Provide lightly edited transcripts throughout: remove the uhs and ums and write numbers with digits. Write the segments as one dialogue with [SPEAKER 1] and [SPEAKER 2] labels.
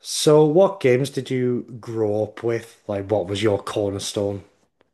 [SPEAKER 1] So, what games did you grow up with? Like, what was your cornerstone?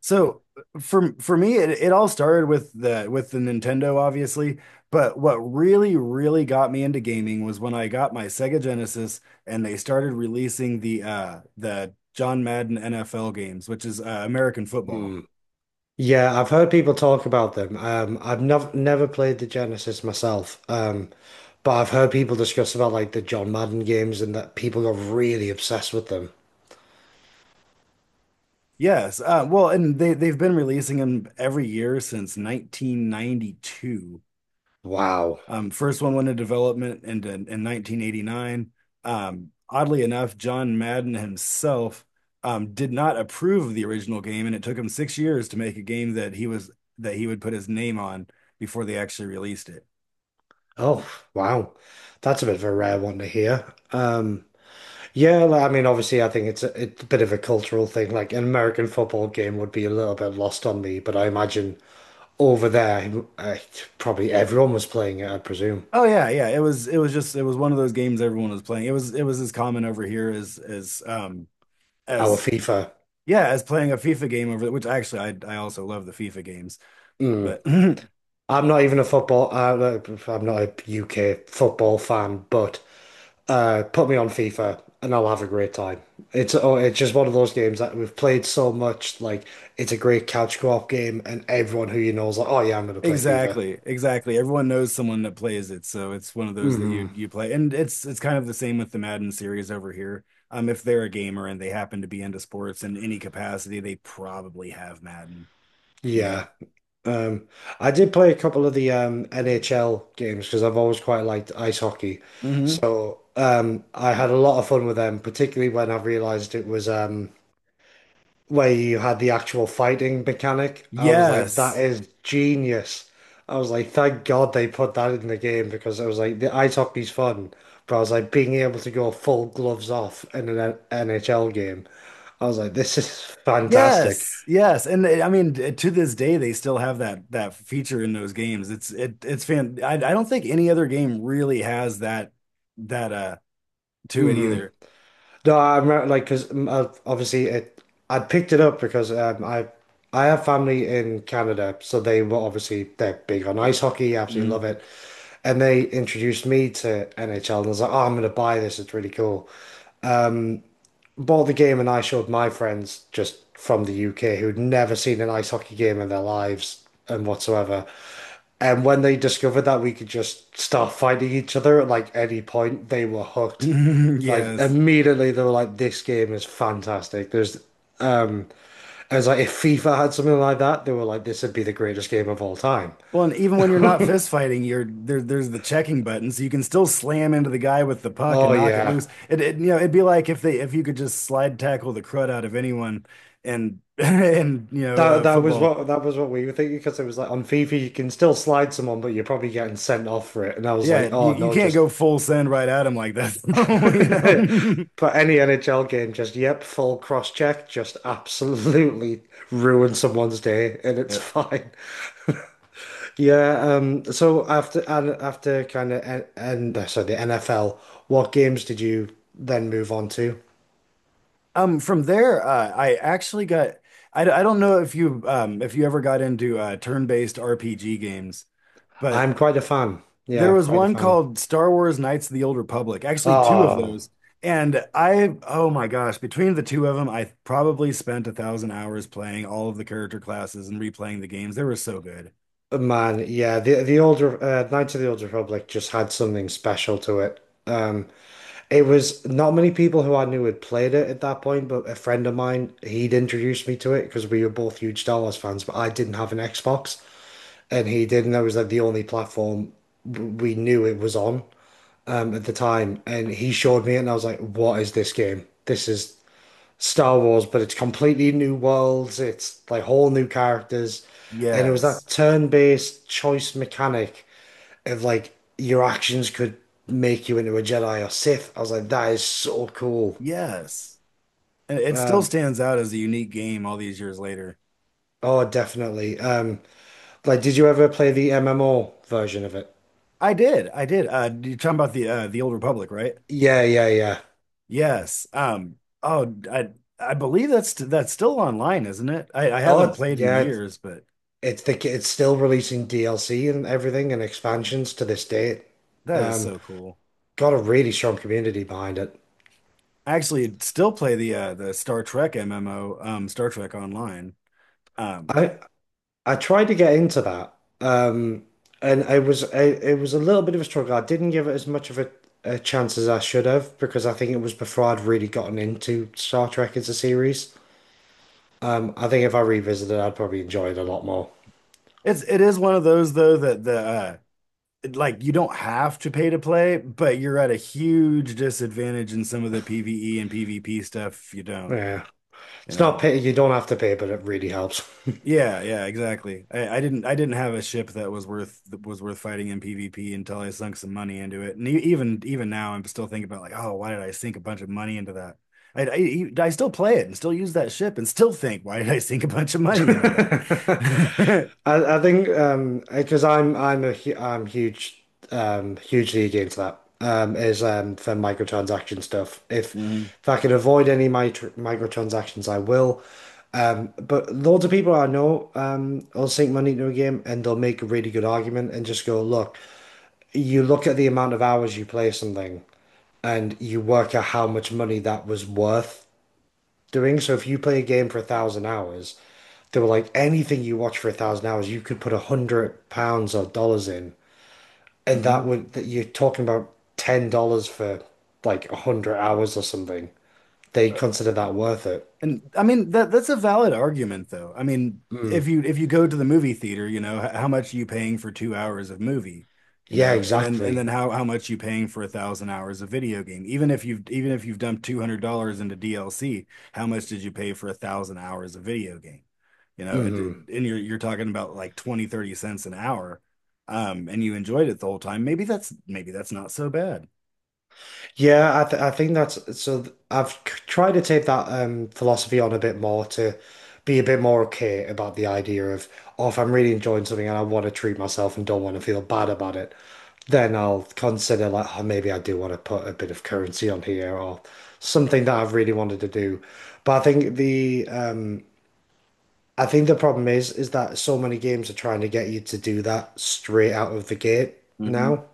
[SPEAKER 2] So for me, it all started with the Nintendo, obviously. But what really, really got me into gaming was when I got my Sega Genesis, and they started releasing the John Madden NFL games, which is American football.
[SPEAKER 1] Hmm. Yeah, I've heard people talk about them. I've never played the Genesis myself, but I've heard people discuss about like the John Madden games and that people got really obsessed with them.
[SPEAKER 2] Yes, well, and they've been releasing them every year since 1992.
[SPEAKER 1] Wow.
[SPEAKER 2] First one went into development in 1989. Oddly enough, John Madden himself did not approve of the original game, and it took him 6 years to make a game that he was that he would put his name on before they actually released it.
[SPEAKER 1] Oh, wow. That's a bit of a rare one to hear. Um, yeah, like, I mean, obviously, I think it's a bit of a cultural thing. Like an American football game would be a little bit lost on me, but I imagine over there, I, probably everyone was playing it, I presume.
[SPEAKER 2] Oh yeah, yeah. It was one of those games everyone was playing. It was as common over here as
[SPEAKER 1] Our
[SPEAKER 2] as
[SPEAKER 1] FIFA.
[SPEAKER 2] yeah, as playing a FIFA game over, which actually I also love the FIFA games,
[SPEAKER 1] Mm.
[SPEAKER 2] but
[SPEAKER 1] I'm not even a football. I'm not a UK football fan, but put me on FIFA and I'll have a great time. It's just one of those games that we've played so much. Like it's a great couch co-op game, and everyone who you know is like, "Oh yeah, I'm going to play FIFA."
[SPEAKER 2] Exactly, exactly. Everyone knows someone that plays it, so it's one of those that
[SPEAKER 1] Mm.
[SPEAKER 2] you play. And it's kind of the same with the Madden series over here. If they're a gamer and they happen to be into sports in any capacity, they probably have Madden, you know?
[SPEAKER 1] Yeah. Um, I did play a couple of the NHL games because I've always quite liked ice hockey.
[SPEAKER 2] Hmm.
[SPEAKER 1] So I had a lot of fun with them, particularly when I realized it was where you had the actual fighting mechanic. I was like, that
[SPEAKER 2] Yes.
[SPEAKER 1] is genius. I was like, thank God they put that in the game because I was like, the ice hockey's fun, but I was like, being able to go full gloves off in an NHL game, I was like, this is fantastic.
[SPEAKER 2] Yes. Yes. And I mean, to this day, they still have that feature in those games. It's it it's fan I don't think any other game really has that to it
[SPEAKER 1] Mm-hmm.
[SPEAKER 2] either.
[SPEAKER 1] No, I remember like because obviously it I picked it up because I have family in Canada, so they were obviously they're big on ice hockey, absolutely love
[SPEAKER 2] Mhm.
[SPEAKER 1] it, and they introduced me to NHL, and I was like, oh, I'm gonna buy this, it's really cool. Bought the game, and I showed my friends just from the UK who'd never seen an ice hockey game in their lives and whatsoever, and when they discovered that we could just start fighting each other at like any point, they were hooked. Like
[SPEAKER 2] Yes.
[SPEAKER 1] immediately they were like, this game is fantastic. There's um, I was like, if FIFA had something like that, they were like, this would be the greatest game of all time.
[SPEAKER 2] Well, and even when you're not fist fighting, there's the checking button, so you can still slam into the guy with the puck and
[SPEAKER 1] Oh
[SPEAKER 2] knock it
[SPEAKER 1] yeah.
[SPEAKER 2] loose. It'd be like if you could just slide tackle the crud out of anyone, and and
[SPEAKER 1] That was
[SPEAKER 2] football.
[SPEAKER 1] what that was what we were thinking because it was like on FIFA you can still slide someone, but you're probably getting sent off for it. And I was
[SPEAKER 2] Yeah,
[SPEAKER 1] like, oh
[SPEAKER 2] you
[SPEAKER 1] no,
[SPEAKER 2] can't
[SPEAKER 1] just
[SPEAKER 2] go full send right at him like that, you know.
[SPEAKER 1] but any NHL game, just yep, full cross check, just absolutely ruin someone's day, and it's
[SPEAKER 2] Yep.
[SPEAKER 1] fine. Yeah. So after and after kind of and so the NFL, what games did you then move on to?
[SPEAKER 2] From there, I actually got I don't know if you ever got into turn-based RPG games, but
[SPEAKER 1] I'm quite a fan.
[SPEAKER 2] there
[SPEAKER 1] Yeah,
[SPEAKER 2] was
[SPEAKER 1] quite a
[SPEAKER 2] one
[SPEAKER 1] fan.
[SPEAKER 2] called Star Wars Knights of the Old Republic, actually two of
[SPEAKER 1] Oh
[SPEAKER 2] those. And I, oh my gosh, between the two of them, I probably spent a 1,000 hours playing all of the character classes and replaying the games. They were so good.
[SPEAKER 1] man, yeah. The Knights of the Old Republic just had something special to it. Um, It was not many people who I knew had played it at that point, but a friend of mine, he'd introduced me to it because we were both huge Star Wars fans, but I didn't have an Xbox and he did, and that was like the only platform we knew it was on at the time. And he showed me it and I was like, what is this game? This is Star Wars, but it's completely new worlds. It's like whole new characters. And it was that
[SPEAKER 2] Yes.
[SPEAKER 1] turn-based choice mechanic of like your actions could make you into a Jedi or Sith. I was like, that is so cool.
[SPEAKER 2] Yes. And it still stands out as a unique game all these years later.
[SPEAKER 1] Oh, definitely. Like, did you ever play the MMO version of it?
[SPEAKER 2] I did. I did. You're talking about the Old Republic, right?
[SPEAKER 1] Yeah, yeah, yeah.
[SPEAKER 2] Yes. Oh, I believe that's still online, isn't it? I
[SPEAKER 1] Oh,
[SPEAKER 2] haven't
[SPEAKER 1] it's,
[SPEAKER 2] played in
[SPEAKER 1] yeah. It's
[SPEAKER 2] years, but
[SPEAKER 1] it's the it's still releasing DLC and everything and expansions to this date.
[SPEAKER 2] that is
[SPEAKER 1] Um,
[SPEAKER 2] so cool.
[SPEAKER 1] got a really strong community behind it.
[SPEAKER 2] I actually still play the Star Trek MMO, um, Star Trek Online. Um
[SPEAKER 1] I I tried to get into that, um, and it was a little bit of a struggle. I didn't give it as much of a chance as I should have because I think it was before I'd really gotten into Star Trek as a series. I think if I revisited, I'd probably enjoy it a lot more.
[SPEAKER 2] it's it is one of those though that like you don't have to pay to play, but you're at a huge disadvantage in some of the PvE and PvP stuff if you don't,
[SPEAKER 1] Yeah,
[SPEAKER 2] you
[SPEAKER 1] it's not a
[SPEAKER 2] know.
[SPEAKER 1] pity you don't have to pay, but it really helps.
[SPEAKER 2] Yeah, yeah, exactly. I didn't have a ship that was worth fighting in PvP until I sunk some money into it. And even now I'm still thinking about like, oh, why did I sink a bunch of money into that? I still play it and still use that ship and still think, why did I sink a bunch of money into
[SPEAKER 1] I,
[SPEAKER 2] that?
[SPEAKER 1] I think because I'm huge hugely against that is for microtransaction stuff if
[SPEAKER 2] Mhm.
[SPEAKER 1] if I can avoid any microtransactions I will but loads of people I know will sink money into a game and they'll make a really good argument and just go look you look at the amount of hours you play something and you work out how much money that was worth doing. So if you play a game for 1,000 hours, they were like anything you watch for 1,000 hours, you could put £100 or dollars in, and that
[SPEAKER 2] Mhm.
[SPEAKER 1] would that you're talking about $10 for like 100 hours or something. They consider that worth it.
[SPEAKER 2] And I mean that's a valid argument though. I mean,
[SPEAKER 1] Mm.
[SPEAKER 2] if you go to the movie theater, you know, how much are you paying for 2 hours of movie? You
[SPEAKER 1] Yeah,
[SPEAKER 2] know, and then and
[SPEAKER 1] exactly.
[SPEAKER 2] then how much you paying for a 1,000 hours of video game? Even if you've dumped $200 into DLC, how much did you pay for a 1,000 hours of video game? You know,
[SPEAKER 1] Mm.
[SPEAKER 2] and you're talking about like 20, 30 cents an hour, and you enjoyed it the whole time. Maybe that's not so bad.
[SPEAKER 1] Yeah, I think that's so. I've tried to take that philosophy on a bit more to be a bit more okay about the idea of, oh, if I'm really enjoying something and I want to treat myself and don't want to feel bad about it, then I'll consider like oh, maybe I do want to put a bit of currency on here or something that I've really wanted to do. But I think the problem is that so many games are trying to get you to do that straight out of the gate
[SPEAKER 2] Mhm.
[SPEAKER 1] now,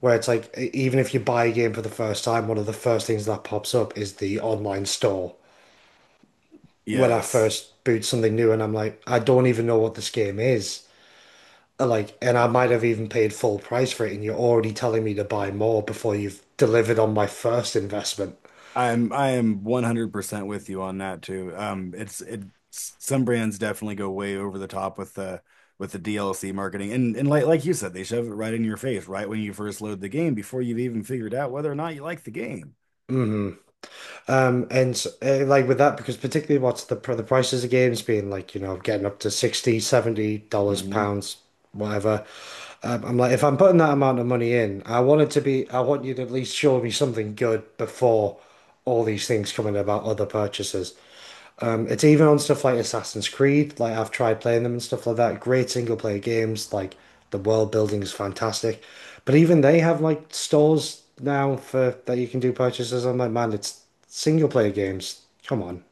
[SPEAKER 1] where it's like even if you buy a game for the first time, one of the first things that pops up is the online store. When I
[SPEAKER 2] Yes.
[SPEAKER 1] first boot something new and I'm like, I don't even know what this game is. Like, and I might have even paid full price for it, and you're already telling me to buy more before you've delivered on my first investment.
[SPEAKER 2] I am 100% with you on that too. It's it some brands definitely go way over the top with the DLC marketing. And like you said, they shove it right in your face right when you first load the game before you've even figured out whether or not you like the game.
[SPEAKER 1] Hmm. And like with that, because particularly what's the the prices of games being like, getting up to 60, $70, pounds, whatever. I'm like, if I'm putting that amount of money in, I want you to at least show me something good before all these things coming about other purchases. It's even on stuff like Assassin's Creed. Like I've tried playing them and stuff like that. Great single player games. Like the world building is fantastic. But even they have like stores now for that you can do purchases. I'm like, man, it's single player games. Come on.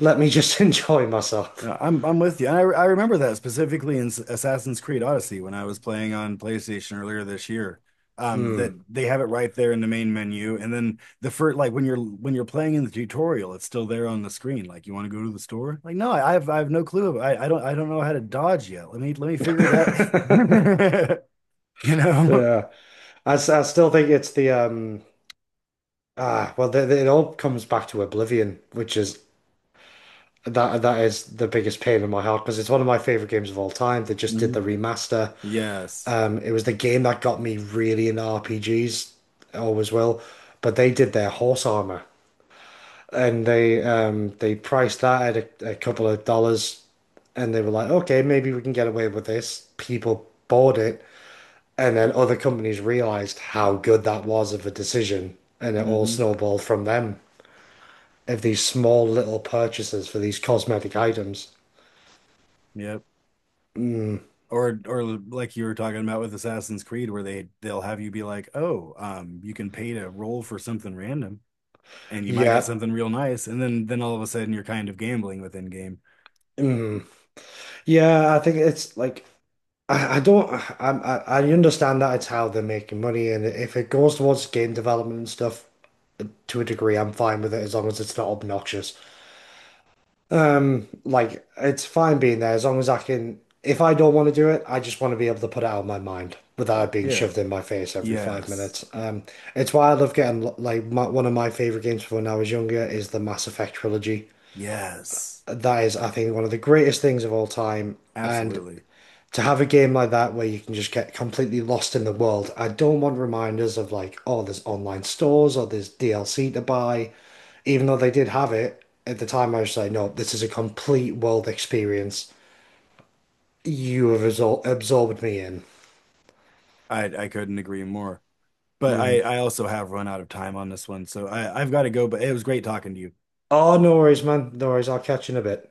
[SPEAKER 1] Let me just enjoy myself.
[SPEAKER 2] No, I'm with you. And I remember that specifically in Assassin's Creed Odyssey when I was playing on PlayStation earlier this year. That
[SPEAKER 1] Mm.
[SPEAKER 2] they have it right there in the main menu, and then the first like when you're playing in the tutorial, it's still there on the screen. Like, you want to go to the store? Like, no, I have no clue. I don't know how to dodge yet. Let me figure that. You know?
[SPEAKER 1] Yeah. I still think it's the ah well th th- it all comes back to Oblivion, which is that is the biggest pain in my heart because it's one of my favorite games of all time. They just did the
[SPEAKER 2] Mhm.
[SPEAKER 1] remaster.
[SPEAKER 2] Yes.
[SPEAKER 1] It was the game that got me really into RPGs, always will. But they did their horse armor, and they priced that at a couple of dollars, and they were like, okay, maybe we can get away with this. People bought it, and then other companies realized how good that was of a decision, and it all
[SPEAKER 2] Hmm.
[SPEAKER 1] snowballed from them of these small little purchases for these cosmetic items.
[SPEAKER 2] Yep. Or like you were talking about with Assassin's Creed, where they'll have you be like, oh, you can pay to roll for something random, and you might get
[SPEAKER 1] Yeah.
[SPEAKER 2] something real nice, and then all of a sudden you're kind of gambling within game.
[SPEAKER 1] Mm. Yeah, I think it's like I don't I understand that it's how they're making money and if it goes towards game development and stuff to a degree I'm fine with it as long as it's not obnoxious. Like it's fine being there as long as I can if I don't want to do it I just want to be able to put it out of my mind without it being
[SPEAKER 2] Yeah.
[SPEAKER 1] shoved in my face every five
[SPEAKER 2] Yes.
[SPEAKER 1] minutes. It's why I love getting like one of my favorite games from when I was younger is the Mass Effect trilogy.
[SPEAKER 2] Yes.
[SPEAKER 1] That is I think one of the greatest things of all time and
[SPEAKER 2] Absolutely.
[SPEAKER 1] to have a game like that where you can just get completely lost in the world, I don't want reminders of like, oh, there's online stores or there's DLC to buy. Even though they did have it at the time, I was like, no, this is a complete world experience. You have absorbed me in.
[SPEAKER 2] I couldn't agree more. But
[SPEAKER 1] Mm.
[SPEAKER 2] I also have run out of time on this one, so I've got to go. But it was great talking to you.
[SPEAKER 1] Oh, no worries, man. No worries. I'll catch you in a bit.